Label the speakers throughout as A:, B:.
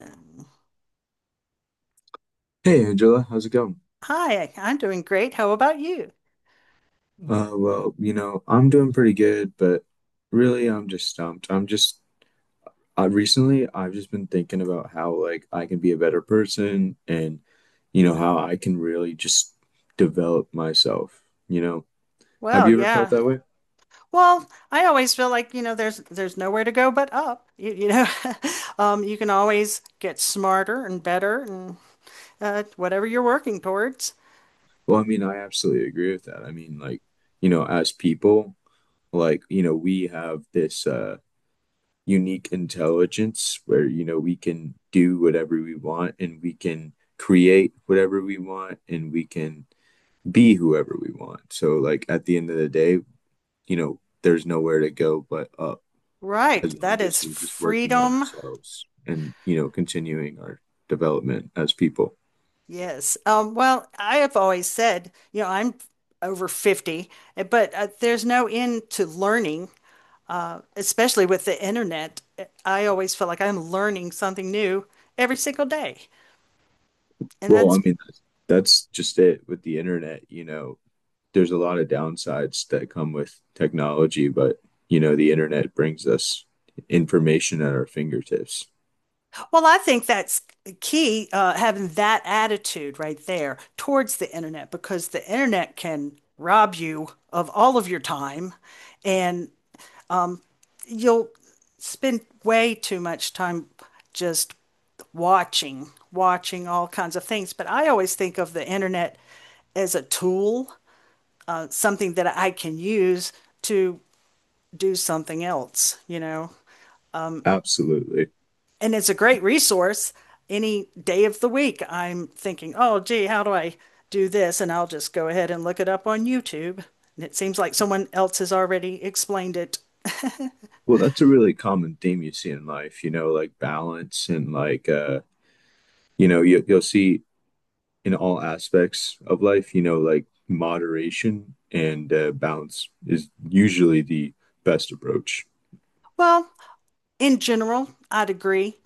A: Um,
B: Hey Angela, how's it going?
A: Hi, I'm doing great. How about you?
B: Well, you know, I'm doing pretty good, but really I'm just stumped. I recently I've just been thinking about how, like, I can be a better person, and you know how I can really just develop myself, you know. Have
A: Well,
B: you ever felt
A: yeah.
B: that way?
A: Well, I always feel like, you know, there's nowhere to go but up. You know, you can always get smarter and better and whatever you're working towards.
B: Well, I mean, I absolutely agree with that. I mean, like, you know, as people, like, you know, we have this unique intelligence, where, you know, we can do whatever we want, and we can create whatever we want, and we can be whoever we want. So, like, at the end of the day, you know, there's nowhere to go but up, as
A: Right.
B: long
A: That
B: as
A: is
B: we're just working on
A: freedom.
B: ourselves and, you know, continuing our development as people.
A: Yes. Well, I have always said, I'm over 50, but there's no end to learning, especially with the internet. I always feel like I'm learning something new every single day. And
B: well i
A: that's,
B: mean that's just it with the internet. You know, there's a lot of downsides that come with technology, but, you know, the internet brings us information at our fingertips.
A: well, I think that's key, having that attitude right there towards the internet, because the internet can rob you of all of your time and you'll spend way too much time just watching all kinds of things. But I always think of the internet as a tool, something that I can use to do something else, you know?
B: Absolutely.
A: And it's a great resource any day of the week. I'm thinking, oh, gee, how do I do this? And I'll just go ahead and look it up on YouTube. And it seems like someone else has already explained it.
B: Well, that's a really common theme you see in life, you know, like balance, and like, you know, you'll see in all aspects of life, you know, like moderation, and, balance is usually the best approach.
A: Well, in general, I'd agree.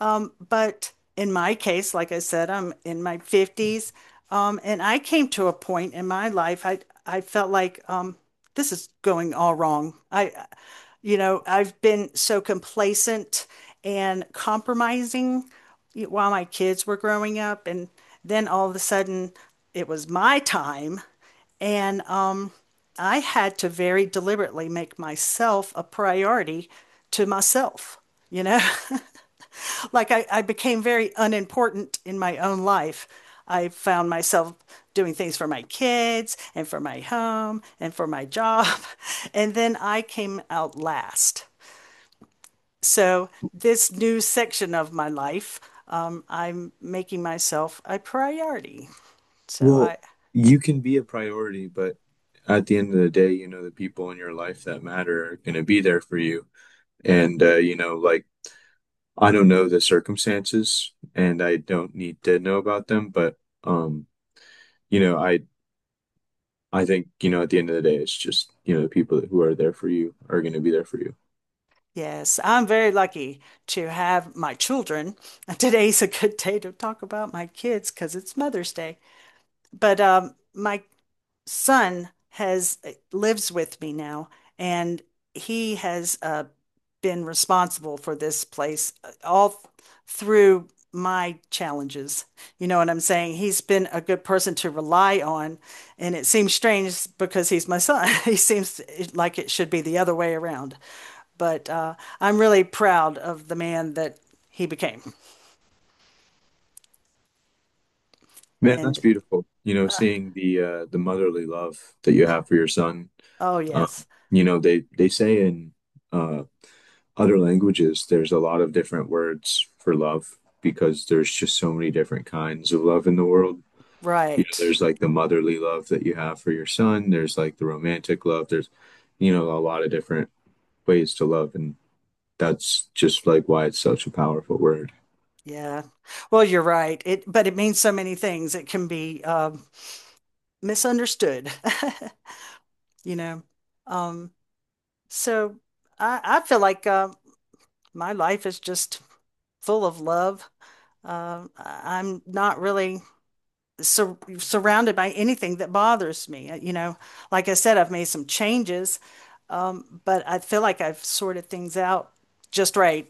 A: But in my case, like I said, I'm in my 50s. And I came to a point in my life I felt like this is going all wrong. I, you know, I've been so complacent and compromising while my kids were growing up, and then all of a sudden it was my time, and I had to very deliberately make myself a priority to myself, you know? I became very unimportant in my own life. I found myself doing things for my kids and for my home and for my job. And then I came out last. So, this new section of my life, I'm making myself a priority. So,
B: Well,
A: I,
B: you can be a priority, but at the end of the day, you know, the people in your life that matter are going to be there for you. And, you know, like, I don't know the circumstances and I don't need to know about them, but, um, you know, I think, you know, at the end of the day, it's just, you know, the people who are there for you are going to be there for you.
A: yes, I'm very lucky to have my children. Today's a good day to talk about my kids because it's Mother's Day. But my son has lives with me now, and he has been responsible for this place through my challenges. You know what I'm saying? He's been a good person to rely on, and it seems strange because he's my son. He seems like it should be the other way around. But I'm really proud of the man that he became.
B: Man, that's
A: And
B: beautiful. You know, seeing the motherly love that you have for your son.
A: oh
B: Um,
A: yes,
B: you know, they say in uh other languages there's a lot of different words for love, because there's just so many different kinds of love in the world. You know,
A: right.
B: there's like the motherly love that you have for your son, there's like the romantic love, there's, you know, a lot of different ways to love, and that's just like why it's such a powerful word.
A: Yeah. Well, you're right. It, but it means so many things. It can be misunderstood, you know. Um, so I feel like my life is just full of love. I'm not really surrounded by anything that bothers me. You know, like I said, I've made some changes, but I feel like I've sorted things out just right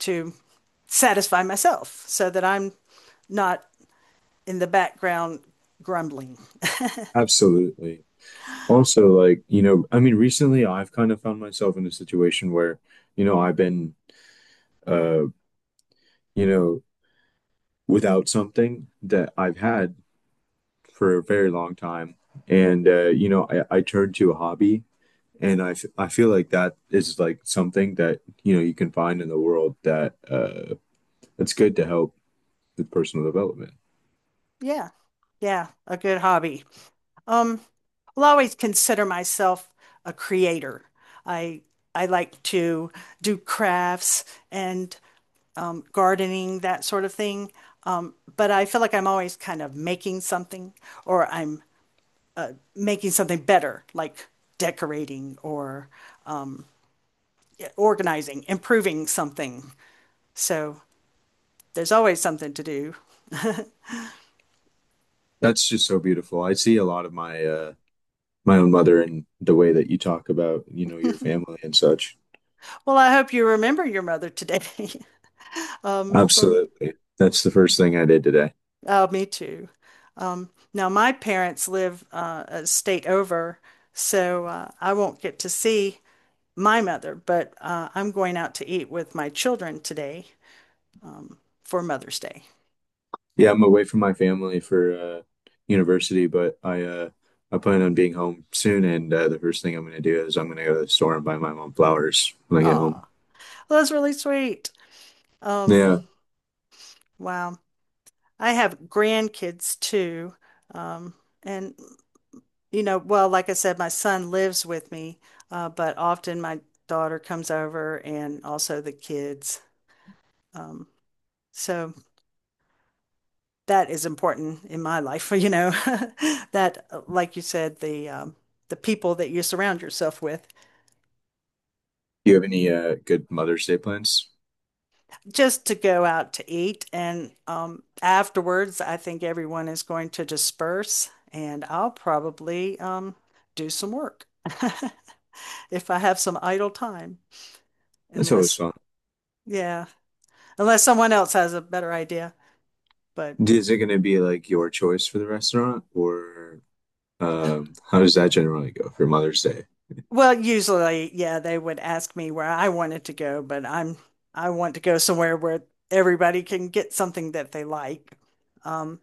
A: to satisfy myself so that I'm not in the background grumbling.
B: Absolutely. Also, like, you know, I mean, recently I've kind of found myself in a situation where, you know, I've been, uh you know, without something that I've had for a very long time. And, you know, I turned to a hobby, and I feel like that is like something that, you know, you can find in the world that that's good to help with personal development.
A: Yeah. Yeah, a good hobby. Um, I'll always consider myself a creator. I I like to do crafts and gardening, that sort of thing. But I feel like I'm always kind of making something, or I'm making something better, like decorating or organizing, improving something. So there's always something to do.
B: That's just so beautiful. I see a lot of my own mother and the way that you talk about, you know, your family and such.
A: Well, I hope you remember your mother today from
B: Absolutely. That's the first thing I did today.
A: Oh, me too. Now my parents live a state over, so I won't get to see my mother, but I'm going out to eat with my children today um, for Mother's Day.
B: Yeah, I'm away from my family for university, but I plan on being home soon, and, the first thing I'm going to do is I'm going to go to the store and buy my mom flowers when I get home.
A: Aw, well, that's really sweet. Um,
B: Yeah. Do
A: wow. I have grandkids too, um, and well, like I said, my son lives with me, but often my daughter comes over and also the kids. Um, so that is important in my life, you know, that, like you said, the people that you surround yourself with,
B: you have any good Mother's Day plans?
A: just to go out to eat. And afterwards, I think everyone is going to disperse, and I'll probably do some work if I have some idle time,
B: That's always
A: unless,
B: fun.
A: yeah. Unless someone else has a better idea. But
B: Is it going to be like your choice for the restaurant, or, how does that generally go for Mother's Day?
A: well, usually, yeah, they would ask me where I wanted to go, but I'm I want to go somewhere where everybody can get something that they like. Um,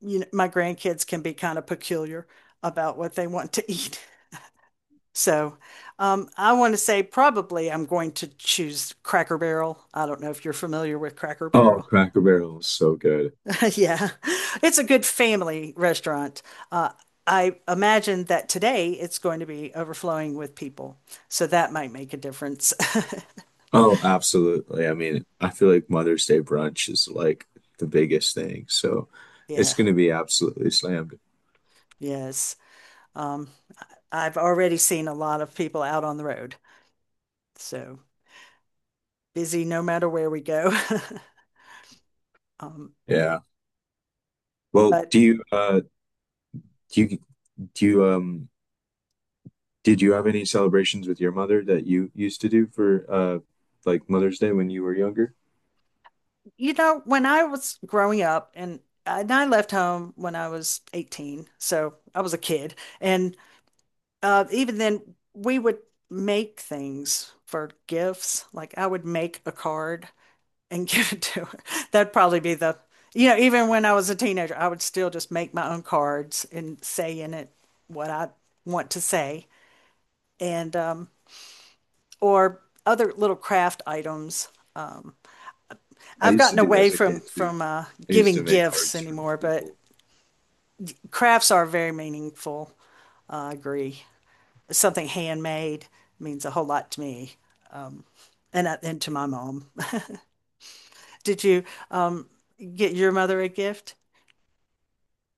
A: you know, my grandkids can be kind of peculiar about what they want to eat. So, I want to say probably I'm going to choose Cracker Barrel. I don't know if you're familiar with Cracker
B: Oh,
A: Barrel.
B: Cracker Barrel is so good.
A: Yeah, it's a good family restaurant. Uh, I imagine that today it's going to be overflowing with people, so that might make a difference.
B: Oh, absolutely. I mean, I feel like Mother's Day brunch is like the biggest thing, so it's
A: Yeah,
B: going to be absolutely slammed.
A: yes. Um, I've already seen a lot of people out on the road, so busy no matter where we go. Um,
B: Yeah. Well,
A: but
B: do you do you do you um did you have any celebrations with your mother that you used to do for like Mother's Day when you were younger?
A: You know, when I was growing up, and I left home when I was 18, so I was a kid, and even then, we would make things for gifts. Like I would make a card and give it to her. That'd probably be the, You know, even when I was a teenager, I would still just make my own cards and say in it what I want to say and or other little craft items.
B: I
A: I've
B: used to
A: gotten
B: do that
A: away
B: as a
A: from
B: kid too. I used
A: giving
B: to make
A: gifts
B: cards for
A: anymore, but
B: people.
A: crafts are very meaningful. I agree. Something handmade means a whole lot to me and to my mom. Did you um get your mother a gift?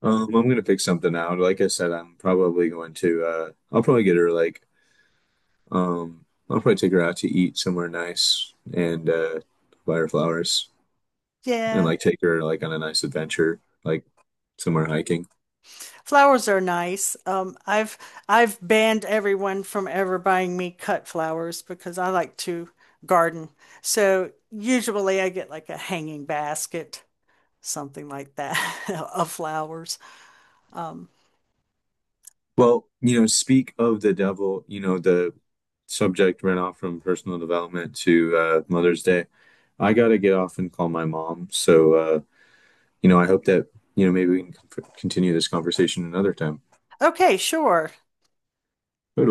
B: I'm gonna pick something out. Like I said, I'm probably going to I'll probably get her like I'll probably take her out to eat somewhere nice, and buy her flowers and,
A: Yeah.
B: like, take her, like, on a nice adventure, like somewhere hiking.
A: Flowers are nice. I've banned everyone from ever buying me cut flowers because I like to garden. So usually I get like a hanging basket, something like that of flowers. Um,
B: Well, you know, speak of the devil, you know, the subject ran off from personal development to Mother's Day. I gotta get off and call my mom. So, you know, I hope that, you know, maybe we can continue this conversation another time.
A: okay, sure.
B: Totally.